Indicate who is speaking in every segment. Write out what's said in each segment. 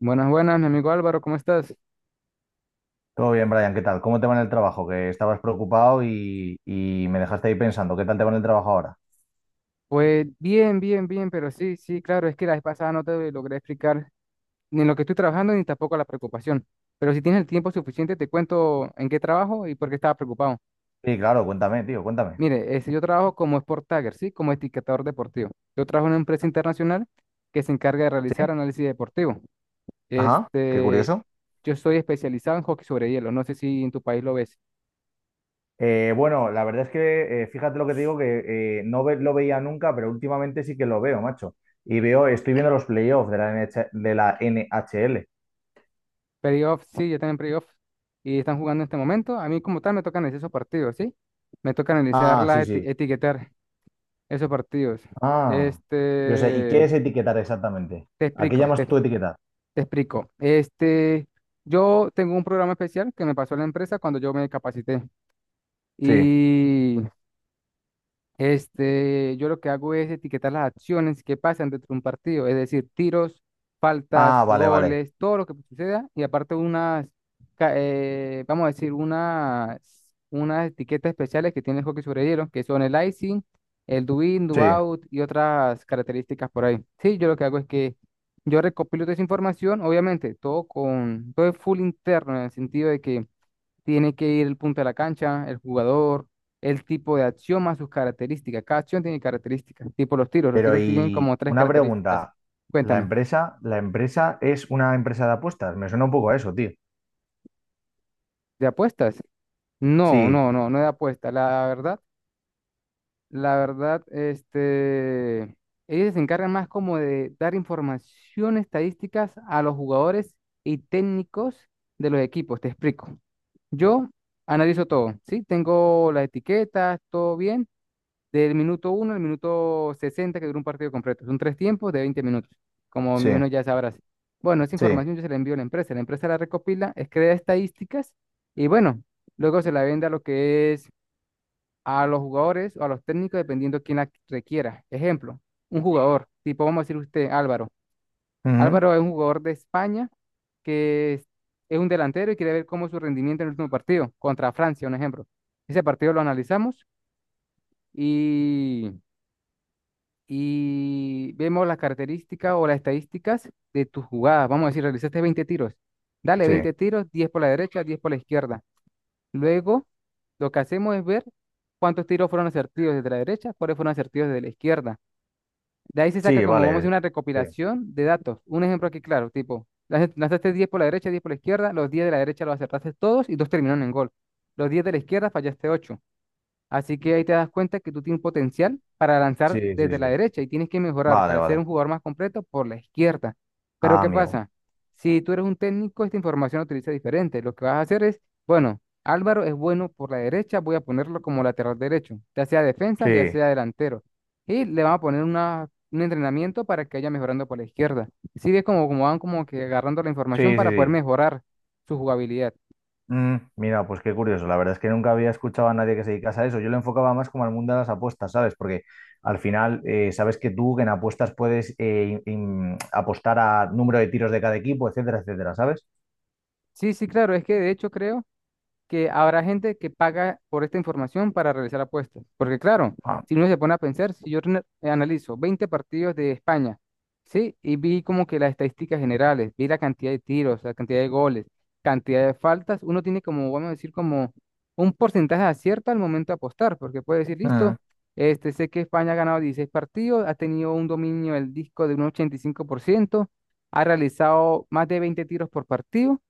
Speaker 1: Buenas, buenas, mi amigo Álvaro, ¿cómo estás?
Speaker 2: Todo bien, Brian, ¿qué tal? ¿Cómo te va en el trabajo? Que estabas preocupado y me dejaste ahí pensando. ¿Qué tal te va en el trabajo ahora?
Speaker 1: Pues bien, bien, bien, pero sí, sí, claro, es que la vez pasada no te logré explicar ni lo que estoy trabajando ni tampoco la preocupación. Pero si tienes el tiempo suficiente, te cuento en qué trabajo y por qué estaba preocupado.
Speaker 2: Sí, claro, cuéntame, tío, cuéntame.
Speaker 1: Mire, yo trabajo como Sport Tagger, ¿sí? Como etiquetador deportivo. Yo trabajo en una empresa internacional que se encarga de
Speaker 2: Sí,
Speaker 1: realizar análisis deportivo.
Speaker 2: ajá, qué
Speaker 1: Este,
Speaker 2: curioso.
Speaker 1: yo soy especializado en hockey sobre hielo, no sé si en tu país lo ves.
Speaker 2: Bueno, la verdad es que fíjate lo que te digo, que lo veía nunca, pero últimamente sí que lo veo, macho. Estoy viendo los playoffs de la NH de la NHL.
Speaker 1: Playoff, sí, yo también playoff. Y están jugando en este momento. A mí como tal me toca analizar esos partidos, ¿sí? Me toca analizar,
Speaker 2: Ah,
Speaker 1: la
Speaker 2: sí, sí.
Speaker 1: etiquetar esos partidos.
Speaker 2: Ah, yo sé, ¿y qué
Speaker 1: Este,
Speaker 2: es etiquetar exactamente?
Speaker 1: te
Speaker 2: ¿A qué
Speaker 1: explico, te,
Speaker 2: llamas tú
Speaker 1: te
Speaker 2: etiquetar?
Speaker 1: explico. Yo tengo un programa especial que me pasó la empresa cuando yo me capacité.
Speaker 2: Sí.
Speaker 1: Y yo lo que hago es etiquetar las acciones que pasan dentro de un partido, es decir, tiros, faltas,
Speaker 2: Ah, vale, vale.
Speaker 1: goles, todo lo que suceda, y aparte vamos a decir, unas etiquetas especiales que tiene el hockey sobre hielo, que son el icing, el do in, do
Speaker 2: Sí.
Speaker 1: out y otras características por ahí. Sí, yo lo que hago es que yo recopilo toda esa información, obviamente, todo es full interno, en el sentido de que tiene que ir el punto de la cancha, el jugador, el tipo de acción más sus características. Cada acción tiene características, tipo los tiros. Los
Speaker 2: Pero
Speaker 1: tiros tienen
Speaker 2: y
Speaker 1: como tres
Speaker 2: una
Speaker 1: características.
Speaker 2: pregunta,
Speaker 1: Cuéntame.
Speaker 2: la empresa es una empresa de apuestas, me suena un poco a eso, tío.
Speaker 1: ¿De apuestas? No,
Speaker 2: Sí,
Speaker 1: no, no, no de apuestas. La verdad, ellos se encargan más como de dar información estadísticas a los jugadores y técnicos de los equipos. Te explico. Yo analizo todo, ¿sí? Tengo las etiquetas, todo bien. Del minuto uno al minuto 60 que dura un partido completo. Son tres tiempos de 20 minutos, como
Speaker 2: sí,
Speaker 1: menos ya sabrás. Bueno, esa
Speaker 2: sí,
Speaker 1: información yo se la envío a la empresa. La empresa la recopila, crea estadísticas y bueno, luego se la vende a lo que es a los jugadores o a los técnicos dependiendo quién la requiera. Ejemplo, un jugador, tipo vamos a decir usted, Álvaro.
Speaker 2: ujú,
Speaker 1: Álvaro es un jugador de España que es un delantero y quiere ver cómo es su rendimiento en el último partido contra Francia, un ejemplo. Ese partido lo analizamos y y vemos las características o las estadísticas de tus jugadas. Vamos a decir, realizaste 20 tiros. Dale
Speaker 2: sí,
Speaker 1: 20 tiros, 10 por la derecha, 10 por la izquierda. Luego, lo que hacemos es ver cuántos tiros fueron asertivos desde la derecha, cuáles fueron asertivos desde la izquierda. De ahí se saca
Speaker 2: sí,
Speaker 1: como, vamos a decir,
Speaker 2: vale,
Speaker 1: una
Speaker 2: sí,
Speaker 1: recopilación de datos. Un ejemplo aquí claro, tipo, lanzaste 10 por la derecha, 10 por la izquierda, los 10 de la derecha los acertaste todos y dos terminaron en gol. Los 10 de la izquierda fallaste ocho. Así que ahí te das cuenta que tú tienes potencial para
Speaker 2: sí,
Speaker 1: lanzar
Speaker 2: sí,
Speaker 1: desde la
Speaker 2: sí,
Speaker 1: derecha y tienes que mejorar
Speaker 2: vale,
Speaker 1: para ser
Speaker 2: vale,
Speaker 1: un jugador más completo por la izquierda. Pero
Speaker 2: ah,
Speaker 1: ¿qué
Speaker 2: amigo,
Speaker 1: pasa? Si tú eres un técnico, esta información la utiliza diferente. Lo que vas a hacer es, bueno, Álvaro es bueno por la derecha, voy a ponerlo como lateral derecho, ya sea defensa, ya
Speaker 2: sí,
Speaker 1: sea delantero. Y le vamos a poner un entrenamiento para que vaya mejorando por la izquierda. Sí, ves como, como van como que agarrando la
Speaker 2: sí,
Speaker 1: información
Speaker 2: sí,
Speaker 1: para poder
Speaker 2: sí.
Speaker 1: mejorar su jugabilidad.
Speaker 2: Mm, mira, pues qué curioso, la verdad es que nunca había escuchado a nadie que se dedicase a eso, yo lo enfocaba más como al mundo de las apuestas, ¿sabes? Porque al final, sabes que tú en apuestas puedes apostar a número de tiros de cada equipo, etcétera, etcétera, ¿sabes?
Speaker 1: Sí, sí, claro, es que de hecho creo que habrá gente que paga por esta información para realizar apuestas. Porque claro,
Speaker 2: Ah.
Speaker 1: si uno se pone a pensar, si yo analizo 20 partidos de España, ¿sí? Y vi como que las estadísticas generales, vi la cantidad de tiros, la cantidad de goles, cantidad de faltas, uno tiene como, vamos a decir, como un porcentaje de acierto al momento de apostar, porque puede decir, listo, sé que España ha ganado 16 partidos, ha tenido un dominio del disco de un 85%. Ha realizado más de 20 tiros por partido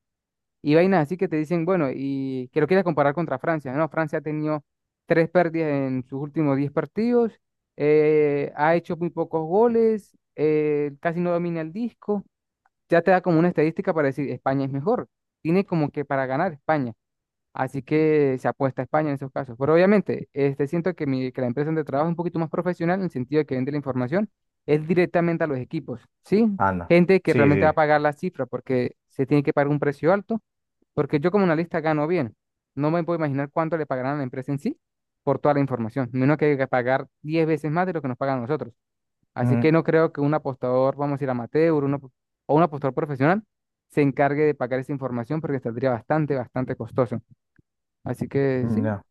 Speaker 1: y vainas así que te dicen, bueno, y que lo quieras comparar contra Francia, ¿no? Francia ha tenido tres pérdidas en sus últimos 10 partidos, ha hecho muy pocos goles, casi no domina el disco, ya te da como una estadística para decir, España es mejor, tiene como que para ganar España, así que se apuesta a España en esos casos. Pero obviamente, siento que, que la empresa donde trabajo es un poquito más profesional en el sentido de que vende la información, es directamente a los equipos, ¿sí?
Speaker 2: Anda.
Speaker 1: Gente que
Speaker 2: Sí,
Speaker 1: realmente va a
Speaker 2: sí.
Speaker 1: pagar la cifra porque se tiene que pagar un precio alto porque yo como analista gano bien. No me puedo imaginar cuánto le pagarán a la empresa en sí por toda la información. Menos que hay que pagar 10 veces más de lo que nos pagan a nosotros. Así que
Speaker 2: Mm,
Speaker 1: no creo que un apostador, vamos a decir amateur, o un apostador profesional, se encargue de pagar esa información porque saldría bastante, bastante costoso. Así que sí,
Speaker 2: ya.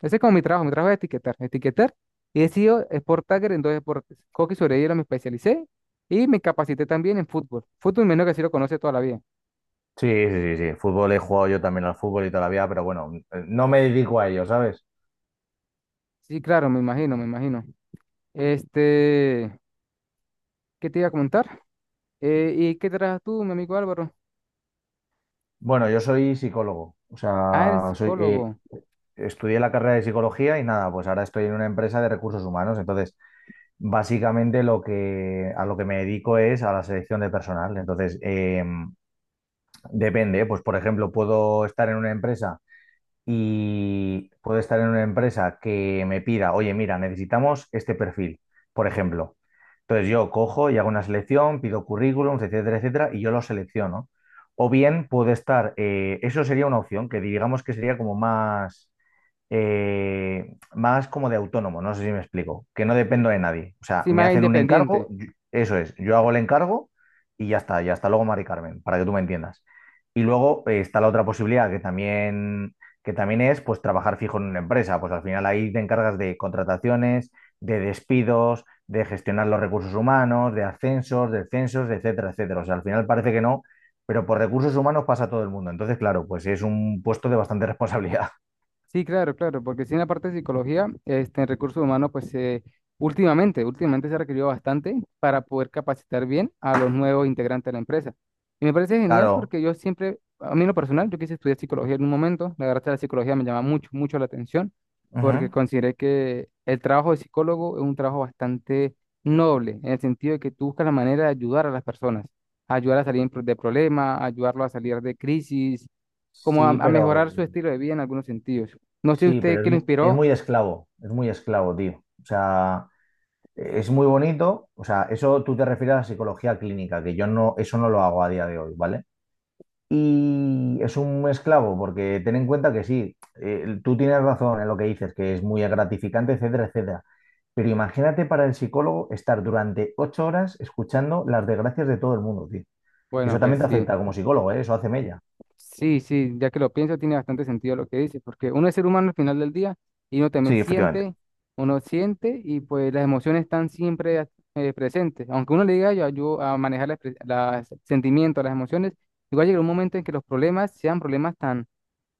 Speaker 1: ese es como mi trabajo. Mi trabajo es etiquetar. Etiquetar. Y he sido sport tagger en dos deportes. Hockey sobre hielo me especialicé y me capacité también en fútbol. Fútbol menos que así lo conoce toda la vida.
Speaker 2: Sí, sí, sí, sí. Fútbol he jugado yo también al fútbol y todavía pero bueno, no me dedico a ello, ¿sabes?
Speaker 1: Sí, claro, me imagino, me imagino. Este... ¿Qué te iba a comentar? ¿Y qué trabajas tú, mi amigo Álvaro?
Speaker 2: Bueno, yo soy psicólogo. O
Speaker 1: Ah, eres
Speaker 2: sea,
Speaker 1: psicólogo.
Speaker 2: estudié la carrera de psicología y nada, pues ahora estoy en una empresa de recursos humanos. Entonces, básicamente a lo que me dedico es a la selección de personal. Entonces, depende, ¿eh? Pues por ejemplo, puedo estar en una empresa. Y puedo estar en una empresa que me pida, oye, mira, necesitamos este perfil, por ejemplo. Entonces yo cojo y hago una selección, pido currículums, etcétera, etcétera, y yo lo selecciono. O bien puedo estar, eso sería una opción que digamos que sería como más eh, más como de autónomo, no sé si me explico, que no dependo de nadie. O sea,
Speaker 1: Sí,
Speaker 2: me
Speaker 1: más
Speaker 2: hacen un
Speaker 1: independiente.
Speaker 2: encargo, eso es, yo hago el encargo y ya está, y hasta luego, Mari Carmen, para que tú me entiendas. Y luego está la otra posibilidad que también es pues trabajar fijo en una empresa. Pues al final ahí te encargas de contrataciones, de despidos, de gestionar los recursos humanos, de ascensos, descensos, etcétera, etcétera. O sea, al final parece que no. Pero por recursos humanos pasa todo el mundo. Entonces, claro, pues es un puesto de bastante responsabilidad.
Speaker 1: Sí, claro, claro, porque si en la parte de psicología, en recursos humanos, pues últimamente, últimamente se ha requerido bastante para poder capacitar bien a los nuevos integrantes de la empresa. Y me parece genial
Speaker 2: Claro.
Speaker 1: porque yo siempre, a mí en lo personal, yo quise estudiar psicología en un momento, la verdad es que la psicología me llama mucho, mucho la atención, porque
Speaker 2: Ujú.
Speaker 1: consideré que el trabajo de psicólogo es un trabajo bastante noble, en el sentido de que tú buscas la manera de ayudar a las personas, ayudar a salir de problemas, ayudarlo a salir de crisis como a,
Speaker 2: Sí,
Speaker 1: a
Speaker 2: pero
Speaker 1: mejorar su estilo de vida en algunos sentidos. No sé
Speaker 2: sí,
Speaker 1: usted
Speaker 2: pero
Speaker 1: qué lo inspiró.
Speaker 2: es muy esclavo, tío. O sea, es muy bonito. O sea, eso tú te refieres a la psicología clínica, que yo no, eso no lo hago a día de hoy, ¿vale? Y es un esclavo, porque ten en cuenta que sí, tú tienes razón en lo que dices, que es muy gratificante, etcétera, etcétera. Pero imagínate para el psicólogo estar durante ocho horas escuchando las desgracias de todo el mundo, tío.
Speaker 1: Bueno,
Speaker 2: Eso
Speaker 1: pues
Speaker 2: también te
Speaker 1: sí,
Speaker 2: afecta como psicólogo, ¿eh? Eso hace mella.
Speaker 1: sí, sí, ya que lo pienso, tiene bastante sentido lo que dice, porque uno es ser humano al final del día y uno también
Speaker 2: Sí, efectivamente.
Speaker 1: siente, uno siente y pues las emociones están siempre presentes. Aunque uno le diga, yo ayudo a manejar los sentimientos, las emociones, igual llega un momento en que los problemas sean problemas tan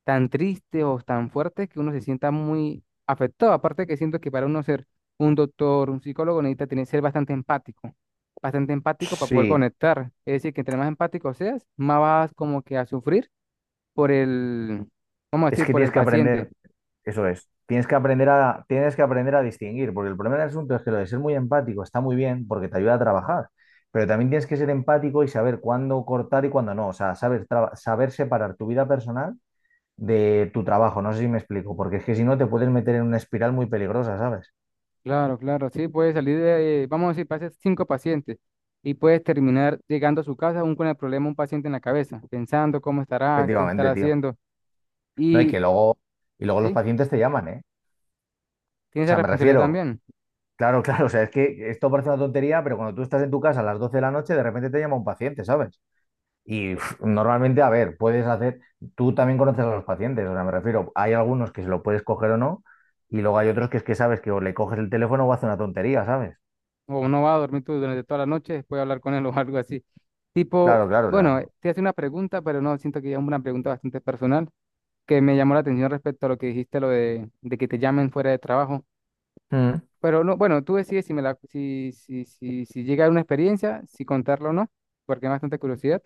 Speaker 1: tan tristes o tan fuertes que uno se sienta muy afectado. Aparte que siento que para uno ser un doctor, un psicólogo, necesita tener, ser bastante empático para poder
Speaker 2: Sí.
Speaker 1: conectar. Es decir, que entre más empático seas, más vas como que a sufrir por el, vamos a
Speaker 2: Es
Speaker 1: decir,
Speaker 2: que
Speaker 1: por
Speaker 2: tienes
Speaker 1: el
Speaker 2: que
Speaker 1: paciente.
Speaker 2: aprender, Eso es, tienes que aprender a, tienes que aprender a distinguir, porque el problema del asunto es que lo de ser muy empático está muy bien porque te ayuda a trabajar, pero también tienes que ser empático y saber cuándo cortar y cuándo no, o sea, saber separar tu vida personal de tu trabajo, no sé si me explico, porque es que si no te puedes meter en una espiral muy peligrosa, ¿sabes?
Speaker 1: Claro, claro, sí, puede salir de, vamos a decir, pases cinco pacientes y puedes terminar llegando a su casa aún con el problema un paciente en la cabeza, pensando cómo estará, qué
Speaker 2: Efectivamente,
Speaker 1: estará
Speaker 2: tío.
Speaker 1: haciendo.
Speaker 2: No, y
Speaker 1: Y
Speaker 2: que luego, Y luego los
Speaker 1: sí,
Speaker 2: pacientes te llaman, ¿eh?
Speaker 1: tienes
Speaker 2: O
Speaker 1: esa
Speaker 2: sea, me
Speaker 1: responsabilidad
Speaker 2: refiero,
Speaker 1: también.
Speaker 2: claro, claro, o sea, es que esto parece una tontería, pero cuando tú estás en tu casa a las 12 de la noche, de repente te llama un paciente, ¿sabes? Y uf, normalmente, a ver, tú también conoces a los pacientes, o sea, me refiero, hay algunos que se lo puedes coger o no, y luego hay otros que es que sabes que o le coges el teléfono o hace una tontería, ¿sabes?
Speaker 1: O no va a dormir tú durante toda la noche, después hablar con él o algo así. Tipo,
Speaker 2: Claro, claro, o sea.
Speaker 1: bueno, te hace una pregunta, pero no, siento que es una pregunta bastante personal, que me llamó la atención respecto a lo que dijiste, lo de que te llamen fuera de trabajo.
Speaker 2: Mm.
Speaker 1: Pero no, bueno, tú decides si me la, si, si, si, si llega a una experiencia, si contarlo o no, porque es bastante curiosidad.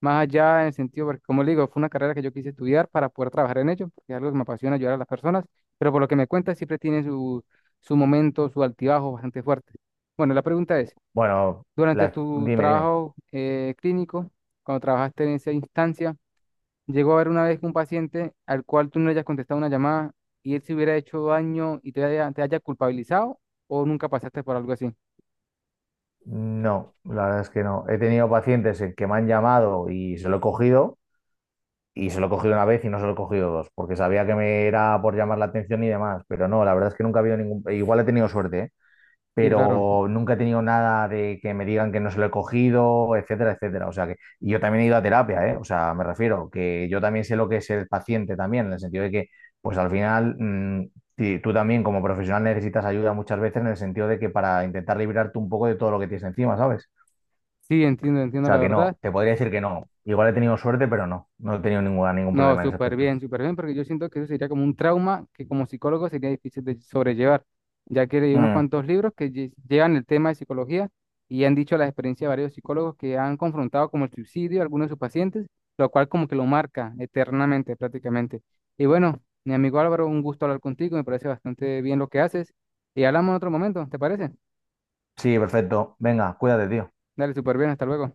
Speaker 1: Más allá en el sentido, porque como le digo, fue una carrera que yo quise estudiar para poder trabajar en ello, porque es algo que me apasiona ayudar a las personas, pero por lo que me cuentas siempre tiene su, su momento, su altibajo bastante fuerte. Bueno, la pregunta es,
Speaker 2: Bueno,
Speaker 1: durante tu
Speaker 2: dime, dime.
Speaker 1: trabajo clínico, cuando trabajaste en esa instancia, llegó a haber una vez un paciente al cual tú no le hayas contestado una llamada y él se hubiera hecho daño y te haya culpabilizado o nunca pasaste por algo así.
Speaker 2: No, la verdad es que no. He tenido pacientes en que me han llamado y se lo he cogido, y se lo he cogido una vez y no se lo he cogido dos, porque sabía que me era por llamar la atención y demás, pero no, la verdad es que nunca ha habido ningún... Igual he tenido suerte, ¿eh?
Speaker 1: Sí, claro.
Speaker 2: Pero nunca he tenido nada de que me digan que no se lo he cogido, etcétera, etcétera. O sea que y yo también he ido a terapia, ¿eh? O sea, me refiero que yo también sé lo que es el paciente también, en el sentido de que, pues al final, tú también como profesional necesitas ayuda muchas veces en el sentido de que para intentar librarte un poco de todo lo que tienes encima, ¿sabes?
Speaker 1: Sí, entiendo,
Speaker 2: O
Speaker 1: entiendo la
Speaker 2: sea que
Speaker 1: verdad.
Speaker 2: no, te podría decir que no. Igual he tenido suerte, pero no, he tenido ninguna, ningún
Speaker 1: No,
Speaker 2: problema en ese aspecto.
Speaker 1: súper bien, porque yo siento que eso sería como un trauma que como psicólogo sería difícil de sobrellevar, ya que leí unos
Speaker 2: Mm,
Speaker 1: cuantos libros que llevan el tema de psicología y han dicho la experiencia de varios psicólogos que han confrontado como el suicidio a algunos de sus pacientes, lo cual como que lo marca eternamente prácticamente. Y bueno, mi amigo Álvaro, un gusto hablar contigo, me parece bastante bien lo que haces y hablamos en otro momento, ¿te parece?
Speaker 2: sí, perfecto. Venga, cuídate, tío.
Speaker 1: Dale, súper bien, hasta luego.